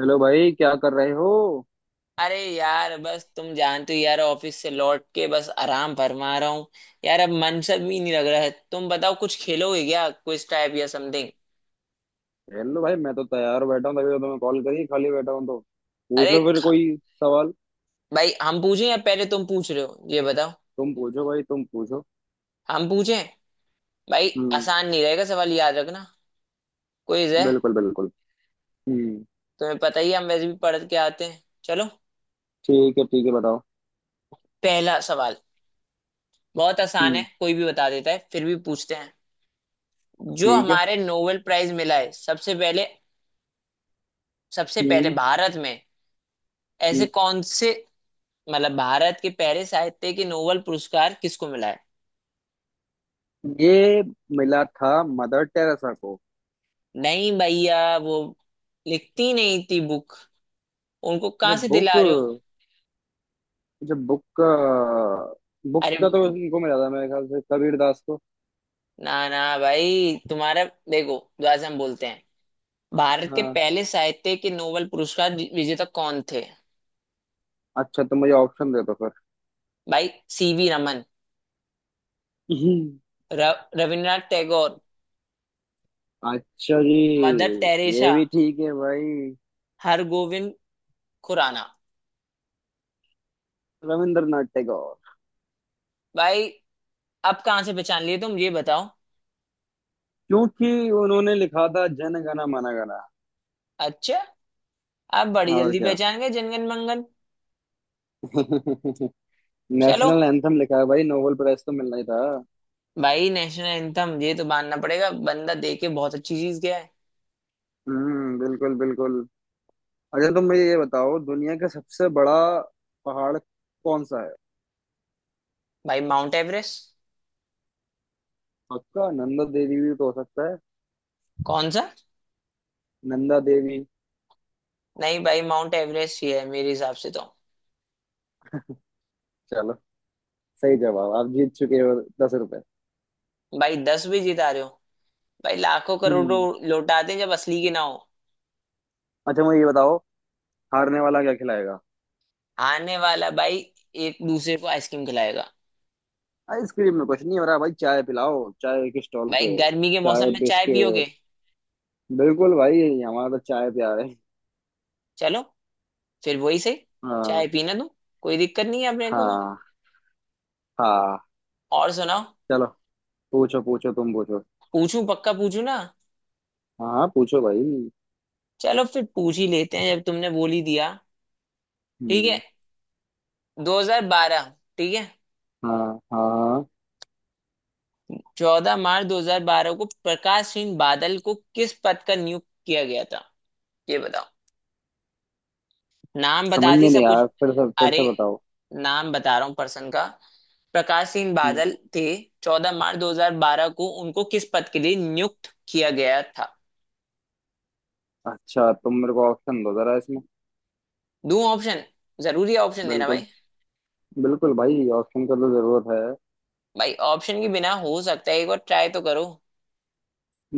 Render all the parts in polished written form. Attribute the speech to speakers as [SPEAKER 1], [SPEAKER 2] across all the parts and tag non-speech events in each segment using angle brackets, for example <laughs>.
[SPEAKER 1] Hello भाई क्या कर रहे हो।
[SPEAKER 2] अरे यार, बस तुम जानते हो यार, ऑफिस से लौट के बस आराम फरमा रहा हूँ। यार अब मन सा भी नहीं लग रहा है। तुम बताओ, कुछ खेलोगे क्या, क्विज टाइप या समथिंग।
[SPEAKER 1] हेलो भाई मैं तो तैयार बैठा हूँ तभी तो तुम्हें कॉल करी। खाली बैठा हूँ तो पूछ
[SPEAKER 2] अरे
[SPEAKER 1] लो फिर कोई सवाल।
[SPEAKER 2] भाई, हम पूछें या पहले तुम पूछ रहे हो, ये बताओ।
[SPEAKER 1] तुम पूछो भाई तुम पूछो।
[SPEAKER 2] हम पूछें। भाई,
[SPEAKER 1] हम्म।
[SPEAKER 2] आसान नहीं रहेगा सवाल, याद रखना। क्विज है।
[SPEAKER 1] बिल्कुल बिल्कुल। हम्म।
[SPEAKER 2] तुम्हें पता ही है, हम वैसे भी पढ़ के आते हैं। चलो,
[SPEAKER 1] ठीक है बताओ।
[SPEAKER 2] पहला सवाल। बहुत आसान है,
[SPEAKER 1] हम्म।
[SPEAKER 2] कोई भी बता देता है, फिर भी पूछते हैं। जो
[SPEAKER 1] ठीक है।
[SPEAKER 2] हमारे नोबेल प्राइज मिला है सबसे पहले, सबसे पहले
[SPEAKER 1] हम्म।
[SPEAKER 2] भारत में, ऐसे
[SPEAKER 1] हम्म।
[SPEAKER 2] कौन से, मतलब भारत के पहले साहित्य के नोबेल पुरस्कार किसको मिला है।
[SPEAKER 1] ये मिला था मदर टेरेसा को।
[SPEAKER 2] नहीं भैया, वो लिखती नहीं थी बुक, उनको
[SPEAKER 1] अच्छा
[SPEAKER 2] कहाँ से
[SPEAKER 1] बुक।
[SPEAKER 2] दिला रहे हो।
[SPEAKER 1] अच्छा बुक का। बुक
[SPEAKER 2] अरे,
[SPEAKER 1] का तो इनको मिला था मेरे ख्याल से कबीर दास को।
[SPEAKER 2] ना ना भाई, तुम्हारा, देखो जैसे हम बोलते हैं, भारत के
[SPEAKER 1] हाँ।
[SPEAKER 2] पहले साहित्य के नोबेल पुरस्कार विजेता कौन थे।
[SPEAKER 1] अच्छा तो मुझे ऑप्शन दे दो फिर।
[SPEAKER 2] भाई, सीवी रमन,
[SPEAKER 1] हम्म।
[SPEAKER 2] र, रविन्द्रनाथ टैगोर,
[SPEAKER 1] अच्छा जी।
[SPEAKER 2] मदर
[SPEAKER 1] ये
[SPEAKER 2] टेरेसा,
[SPEAKER 1] भी ठीक है भाई।
[SPEAKER 2] हरगोविंद खुराना।
[SPEAKER 1] रविंद्रनाथ टैगोर।
[SPEAKER 2] भाई अब कहाँ से पहचान लिए तुम, ये बताओ।
[SPEAKER 1] क्योंकि उन्होंने लिखा था जन गण मन गण।
[SPEAKER 2] अच्छा, अब बड़ी
[SPEAKER 1] और
[SPEAKER 2] जल्दी
[SPEAKER 1] क्या।
[SPEAKER 2] पहचान गए जनगण मंगन।
[SPEAKER 1] <laughs> नेशनल
[SPEAKER 2] चलो
[SPEAKER 1] एंथम लिखा है भाई, नोबेल प्राइज तो मिलना ही था।
[SPEAKER 2] भाई, नेशनल एंथम, ये तो मानना पड़ेगा, बंदा देके बहुत अच्छी चीज गया है।
[SPEAKER 1] हम्म, बिल्कुल बिल्कुल। अच्छा तुम मुझे ये बताओ, दुनिया का सबसे बड़ा पहाड़ कौन सा है।
[SPEAKER 2] भाई, माउंट एवरेस्ट।
[SPEAKER 1] पक्का? नंदा देवी भी तो हो सकता है।
[SPEAKER 2] कौन सा।
[SPEAKER 1] नंदा देवी।
[SPEAKER 2] नहीं भाई, माउंट एवरेस्ट ही है मेरे हिसाब से तो।
[SPEAKER 1] चलो, सही जवाब। आप जीत चुके हो 10 रुपए।
[SPEAKER 2] भाई, 10 भी जिता रहे हो। भाई, लाखों करोड़ों
[SPEAKER 1] हम्म।
[SPEAKER 2] लौटाते हैं जब असली की ना हो।
[SPEAKER 1] अच्छा मुझे ये बताओ, हारने वाला क्या खिलाएगा।
[SPEAKER 2] आने वाला भाई, एक दूसरे को आइसक्रीम खिलाएगा।
[SPEAKER 1] आइसक्रीम में कुछ नहीं हो रहा भाई, चाय पिलाओ चाय के स्टॉल
[SPEAKER 2] भाई
[SPEAKER 1] पे।
[SPEAKER 2] गर्मी के मौसम
[SPEAKER 1] चाय
[SPEAKER 2] में चाय पियोगे।
[SPEAKER 1] बिस्किट। बिल्कुल भाई, हमारा तो चाय प्यार है।
[SPEAKER 2] चलो, फिर वही सही।
[SPEAKER 1] हाँ।
[SPEAKER 2] चाय पीना तो कोई दिक्कत नहीं है अपने को तो।
[SPEAKER 1] हाँ। हाँ।
[SPEAKER 2] और सुनाओ।
[SPEAKER 1] चलो। पूछो पूछो, तुम पूछो।
[SPEAKER 2] पूछूं, पक्का पूछूं ना।
[SPEAKER 1] हाँ हाँ, पूछो भाई।
[SPEAKER 2] चलो फिर पूछ ही लेते हैं, जब तुमने बोल ही दिया। ठीक है,
[SPEAKER 1] हम्म।
[SPEAKER 2] 2012, ठीक है।
[SPEAKER 1] हाँ हाँ।
[SPEAKER 2] चौदह मार्च 2012 को प्रकाश सिंह बादल को किस पद का नियुक्त किया गया था, ये बताओ। नाम
[SPEAKER 1] समझ
[SPEAKER 2] बता दी
[SPEAKER 1] में
[SPEAKER 2] सब
[SPEAKER 1] नहीं
[SPEAKER 2] कुछ।
[SPEAKER 1] आया, फिर
[SPEAKER 2] अरे,
[SPEAKER 1] से बताओ।
[SPEAKER 2] नाम बता रहा हूँ पर्सन का, प्रकाश सिंह
[SPEAKER 1] हम्म।
[SPEAKER 2] बादल थे। चौदह मार्च 2012 को उनको किस पद के लिए नियुक्त किया गया था।
[SPEAKER 1] अच्छा तुम मेरे को ऑप्शन दो जरा इसमें।
[SPEAKER 2] दूं ऑप्शन, जरूरी है ऑप्शन देना
[SPEAKER 1] बिल्कुल।
[SPEAKER 2] भाई।
[SPEAKER 1] बिल्कुल भाई, ऑप्शन का तो जरूरत है।
[SPEAKER 2] भाई ऑप्शन के बिना हो सकता है, एक बार ट्राई तो करो।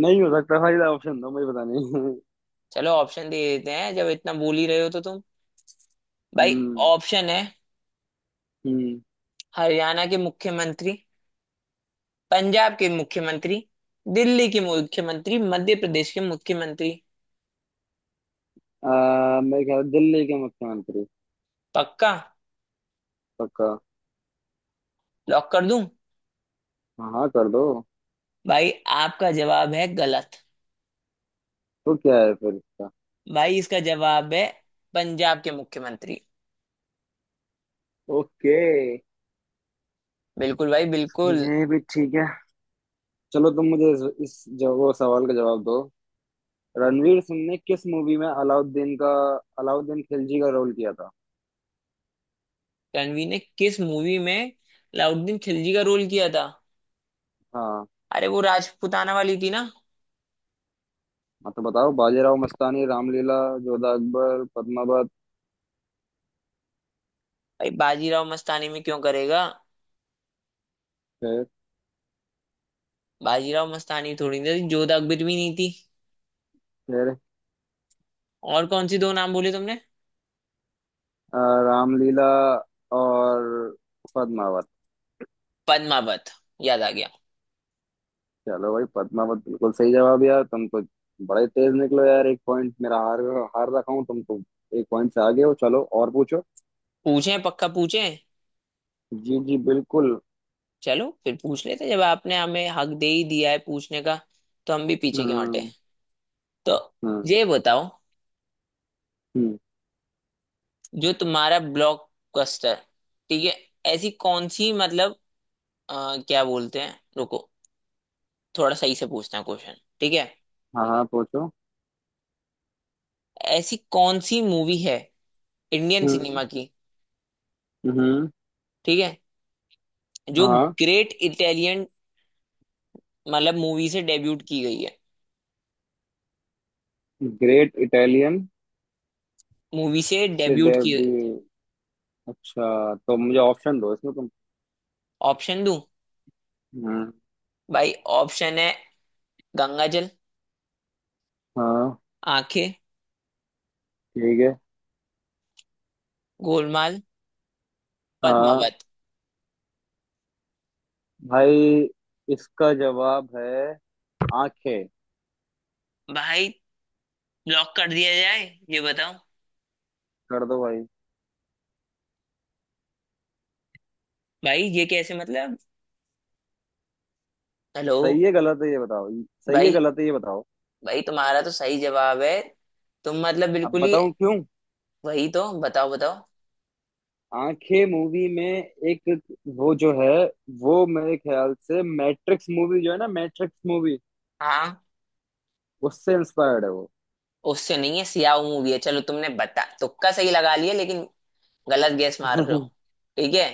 [SPEAKER 1] नहीं हो सकता भाई, ऑप्शन दो, मुझे पता नहीं।
[SPEAKER 2] चलो ऑप्शन दे देते हैं, जब इतना बोल ही रहे हो तो तुम।
[SPEAKER 1] <laughs>
[SPEAKER 2] भाई
[SPEAKER 1] हम्म।
[SPEAKER 2] ऑप्शन है:
[SPEAKER 1] हम्म।
[SPEAKER 2] हरियाणा के मुख्यमंत्री, पंजाब के मुख्यमंत्री, दिल्ली के मुख्यमंत्री, मध्य प्रदेश के मुख्यमंत्री।
[SPEAKER 1] मैं क्या दिल्ली के मुख्यमंत्री।
[SPEAKER 2] पक्का,
[SPEAKER 1] पक्का।
[SPEAKER 2] लॉक कर दूं।
[SPEAKER 1] हाँ हाँ, कर दो।
[SPEAKER 2] भाई आपका जवाब है गलत।
[SPEAKER 1] तो क्या है फिर इसका।
[SPEAKER 2] भाई इसका जवाब है पंजाब के मुख्यमंत्री।
[SPEAKER 1] ओके।
[SPEAKER 2] बिल्कुल भाई, बिल्कुल।
[SPEAKER 1] ये भी ठीक है। चलो तुम मुझे इस वो सवाल का जवाब दो। रणवीर सिंह ने किस मूवी में अलाउद्दीन का, अलाउद्दीन खिलजी का रोल किया था।
[SPEAKER 2] रणवीर ने किस मूवी में अलाउद्दीन खिलजी का रोल किया था।
[SPEAKER 1] हाँ।
[SPEAKER 2] अरे वो राजपूताना वाली थी ना।
[SPEAKER 1] हाँ तो बताओ, बाजीराव मस्तानी, रामलीला, जोधा अकबर, पद्मावत।
[SPEAKER 2] भाई बाजीराव मस्तानी में क्यों करेगा।
[SPEAKER 1] फिर।
[SPEAKER 2] बाजीराव मस्तानी थोड़ी ना थी, जोधा अकबर भी नहीं थी।
[SPEAKER 1] फिर।
[SPEAKER 2] और कौन सी, दो नाम बोले तुमने।
[SPEAKER 1] अ, रामलीला। और पद्मावत।
[SPEAKER 2] पद्मावत, याद आ गया।
[SPEAKER 1] चलो भाई, पद्मावत बिल्कुल सही जवाब। यार तुम तो बड़े तेज निकलो यार, एक पॉइंट मेरा हार, हार रखा हूँ। तुम तो एक पॉइंट से आगे हो। चलो और पूछो।
[SPEAKER 2] पूछें, पक्का पूछें।
[SPEAKER 1] जी जी, बिल्कुल।
[SPEAKER 2] चलो फिर पूछ लेते हैं, जब आपने हमें हक दे ही दिया है पूछने का, तो हम भी पीछे क्यों हटे।
[SPEAKER 1] हम्म।
[SPEAKER 2] तो
[SPEAKER 1] हम्म।
[SPEAKER 2] ये बताओ,
[SPEAKER 1] हम्म।
[SPEAKER 2] जो तुम्हारा ब्लॉकबस्टर, ठीक है, ऐसी कौन सी मतलब, क्या बोलते हैं, रुको, थोड़ा सही से पूछना क्वेश्चन, ठीक है।
[SPEAKER 1] हाँ हाँ, पूछो।
[SPEAKER 2] ऐसी कौन सी मूवी है इंडियन
[SPEAKER 1] हम्म।
[SPEAKER 2] सिनेमा की,
[SPEAKER 1] हम्म।
[SPEAKER 2] ठीक है, जो
[SPEAKER 1] हाँ।
[SPEAKER 2] ग्रेट इटालियन, मतलब मूवी से डेब्यूट की गई है,
[SPEAKER 1] ग्रेट इटालियन।
[SPEAKER 2] मूवी से डेब्यूट की।
[SPEAKER 1] सेडेबी। अच्छा तो मुझे ऑप्शन दो इसमें तुम।
[SPEAKER 2] ऑप्शन दूं।
[SPEAKER 1] हम्म।
[SPEAKER 2] भाई ऑप्शन है: गंगाजल,
[SPEAKER 1] हाँ।
[SPEAKER 2] आंखें,
[SPEAKER 1] ठीक है।
[SPEAKER 2] गोलमाल,
[SPEAKER 1] हाँ
[SPEAKER 2] पद्मावत।
[SPEAKER 1] भाई, इसका जवाब है आंखें।
[SPEAKER 2] भाई ब्लॉक कर दिया जाए, ये बताओ।
[SPEAKER 1] कर दो भाई।
[SPEAKER 2] भाई ये कैसे, मतलब, हेलो।
[SPEAKER 1] सही है गलत है ये बताओ। सही है
[SPEAKER 2] भाई,
[SPEAKER 1] गलत है ये बताओ।
[SPEAKER 2] भाई तुम्हारा तो सही जवाब है। तुम मतलब
[SPEAKER 1] अब
[SPEAKER 2] बिल्कुल ही।
[SPEAKER 1] बताऊं क्यों।
[SPEAKER 2] वही तो बताओ, बताओ।
[SPEAKER 1] आंखें मूवी में एक, वो जो है, वो मेरे ख्याल से मैट्रिक्स मूवी, जो है ना मैट्रिक्स मूवी,
[SPEAKER 2] हाँ।
[SPEAKER 1] उससे इंस्पायर्ड है वो।
[SPEAKER 2] उससे नहीं है, सियाह मूवी है। चलो तुमने बता, तुक्का सही लगा लिया लेकिन, गलत गैस मार रहे हो।
[SPEAKER 1] <laughs>
[SPEAKER 2] ठीक है।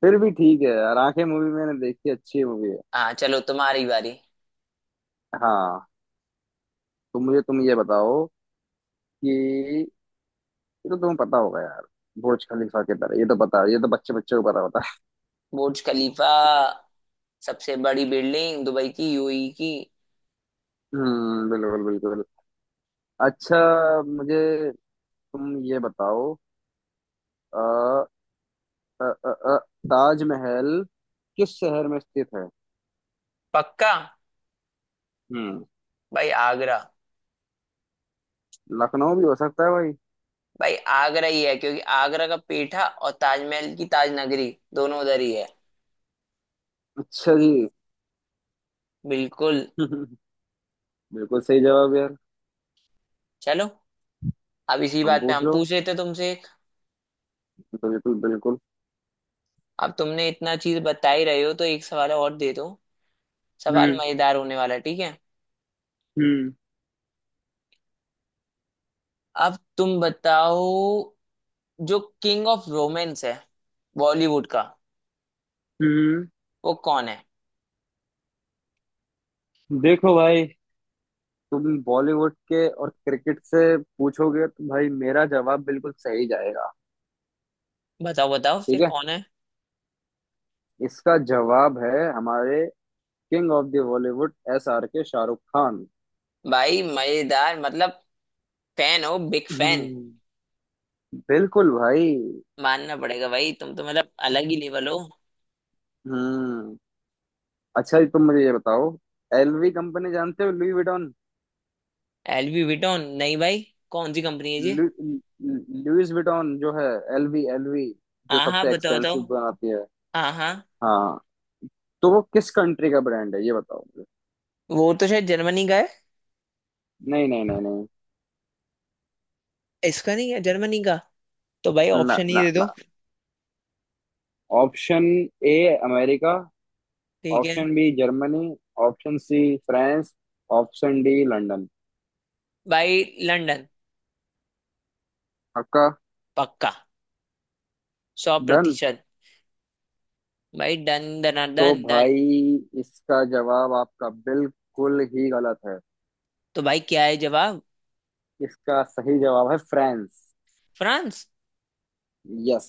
[SPEAKER 1] फिर भी ठीक है यार, आंखें मूवी मैंने देखी, अच्छी मूवी है।
[SPEAKER 2] हाँ चलो, तुम्हारी बारी।
[SPEAKER 1] हाँ। तो मुझे तुम ये बताओ कि ये तो तुम्हें पता होगा यार, बुर्ज खलीफा के तरह, ये तो पता, ये तो बच्चे बच्चे को पता होता है।
[SPEAKER 2] बुर्ज खलीफा, सबसे बड़ी बिल्डिंग दुबई की, यूएई की।
[SPEAKER 1] <laughs> हम्म, बिल्कुल बिल्कुल। अच्छा मुझे तुम ये बताओ, अ, अ, अ, अ, ताजमहल किस शहर में स्थित है।
[SPEAKER 2] पक्का।
[SPEAKER 1] हम्म।
[SPEAKER 2] भाई आगरा।
[SPEAKER 1] लखनऊ भी हो सकता है भाई।
[SPEAKER 2] भाई आगरा ही है, क्योंकि आगरा का पेठा और ताजमहल की ताज नगरी दोनों उधर ही है।
[SPEAKER 1] अच्छा जी।
[SPEAKER 2] बिल्कुल।
[SPEAKER 1] <laughs> बिल्कुल सही जवाब यार।
[SPEAKER 2] चलो, अब इसी
[SPEAKER 1] हम
[SPEAKER 2] बात पे
[SPEAKER 1] पूछ
[SPEAKER 2] हम
[SPEAKER 1] लो
[SPEAKER 2] पूछ रहे थे तुमसे एक।
[SPEAKER 1] तो। बिल्कुल बिल्कुल।
[SPEAKER 2] अब तुमने इतना चीज बता ही रहे हो, तो एक सवाल और दे दो। सवाल
[SPEAKER 1] हम्म।
[SPEAKER 2] मजेदार होने वाला है, ठीक है।
[SPEAKER 1] हम्म।
[SPEAKER 2] अब तुम बताओ, जो किंग ऑफ रोमांस है बॉलीवुड का,
[SPEAKER 1] हम्म।
[SPEAKER 2] वो कौन है।
[SPEAKER 1] देखो भाई, तुम बॉलीवुड के और क्रिकेट से पूछोगे तो भाई मेरा जवाब बिल्कुल सही जाएगा।
[SPEAKER 2] बताओ बताओ, फिर
[SPEAKER 1] ठीक है।
[SPEAKER 2] कौन है।
[SPEAKER 1] इसका जवाब है हमारे king of the Bollywood, SRK, Shahrukh Khan.
[SPEAKER 2] भाई मजेदार, मतलब फैन हो, बिग फैन।
[SPEAKER 1] हम्म, बिल्कुल भाई।
[SPEAKER 2] मानना पड़ेगा भाई, तुम तो मतलब अलग ही लेवल हो।
[SPEAKER 1] हम्म। अच्छा तुम मुझे ये बताओ, LV कंपनी जानते हो, लुई विटॉन।
[SPEAKER 2] एलवी विटोन नहीं भाई, कौन सी कंपनी है जी।
[SPEAKER 1] लु, लुइस विटॉन जो है, LV LV, जो
[SPEAKER 2] हाँ हाँ,
[SPEAKER 1] सबसे
[SPEAKER 2] बताओ बताओ।
[SPEAKER 1] एक्सपेंसिव बनाती है।
[SPEAKER 2] हाँ हाँ।
[SPEAKER 1] हाँ। तो वो किस कंट्री का ब्रांड है ये बताओ मुझे।
[SPEAKER 2] वो तो शायद जर्मनी का है।
[SPEAKER 1] नहीं नहीं नहीं नहीं।
[SPEAKER 2] इसका नहीं है जर्मनी का, तो भाई
[SPEAKER 1] ना
[SPEAKER 2] ऑप्शन ही
[SPEAKER 1] ना
[SPEAKER 2] दे दो।
[SPEAKER 1] ना। Option A, America.
[SPEAKER 2] ठीक है।
[SPEAKER 1] Option B, Germany. Option C, France. Option D, London.
[SPEAKER 2] भाई लंदन।
[SPEAKER 1] आपका।
[SPEAKER 2] पक्का, सौ
[SPEAKER 1] डन।
[SPEAKER 2] प्रतिशत भाई डन डन
[SPEAKER 1] तो
[SPEAKER 2] डन डन।
[SPEAKER 1] भाई इसका जवाब आपका बिल्कुल ही गलत है।
[SPEAKER 2] तो भाई क्या है जवाब।
[SPEAKER 1] इसका सही जवाब है फ्रांस।
[SPEAKER 2] फ्रांस।
[SPEAKER 1] यस।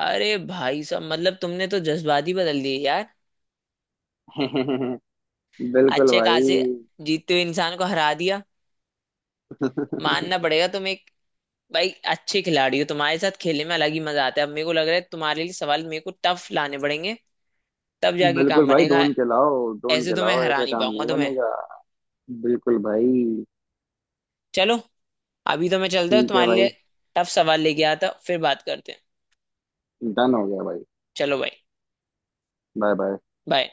[SPEAKER 2] अरे भाई साहब, मतलब तुमने तो जज्बात ही बदल दिए यार।
[SPEAKER 1] <laughs> बिल्कुल
[SPEAKER 2] अच्छे
[SPEAKER 1] भाई।
[SPEAKER 2] खासे जीतते हुए इंसान को हरा दिया। मानना
[SPEAKER 1] <laughs>
[SPEAKER 2] पड़ेगा, तुम एक, भाई अच्छे खिलाड़ी हो, तुम्हारे साथ खेलने में अलग ही मजा आता है। अब मेरे को लग रहा है तुम्हारे लिए सवाल मेरे को टफ लाने पड़ेंगे, तब जाके
[SPEAKER 1] बिल्कुल
[SPEAKER 2] काम
[SPEAKER 1] भाई,
[SPEAKER 2] बनेगा।
[SPEAKER 1] ढूंढ के लाओ ढूंढ
[SPEAKER 2] ऐसे
[SPEAKER 1] के
[SPEAKER 2] तो मैं
[SPEAKER 1] लाओ,
[SPEAKER 2] हरा
[SPEAKER 1] ऐसा
[SPEAKER 2] नहीं
[SPEAKER 1] काम
[SPEAKER 2] पाऊंगा
[SPEAKER 1] नहीं
[SPEAKER 2] तुम्हें।
[SPEAKER 1] बनेगा। बिल्कुल भाई।
[SPEAKER 2] चलो, अभी तो मैं चलता हूँ।
[SPEAKER 1] ठीक है
[SPEAKER 2] तुम्हारे लिए
[SPEAKER 1] भाई।
[SPEAKER 2] टफ सवाल लेके आता हूँ, फिर बात करते हैं।
[SPEAKER 1] डन हो गया भाई।
[SPEAKER 2] चलो भाई,
[SPEAKER 1] बाय बाय।
[SPEAKER 2] बाय।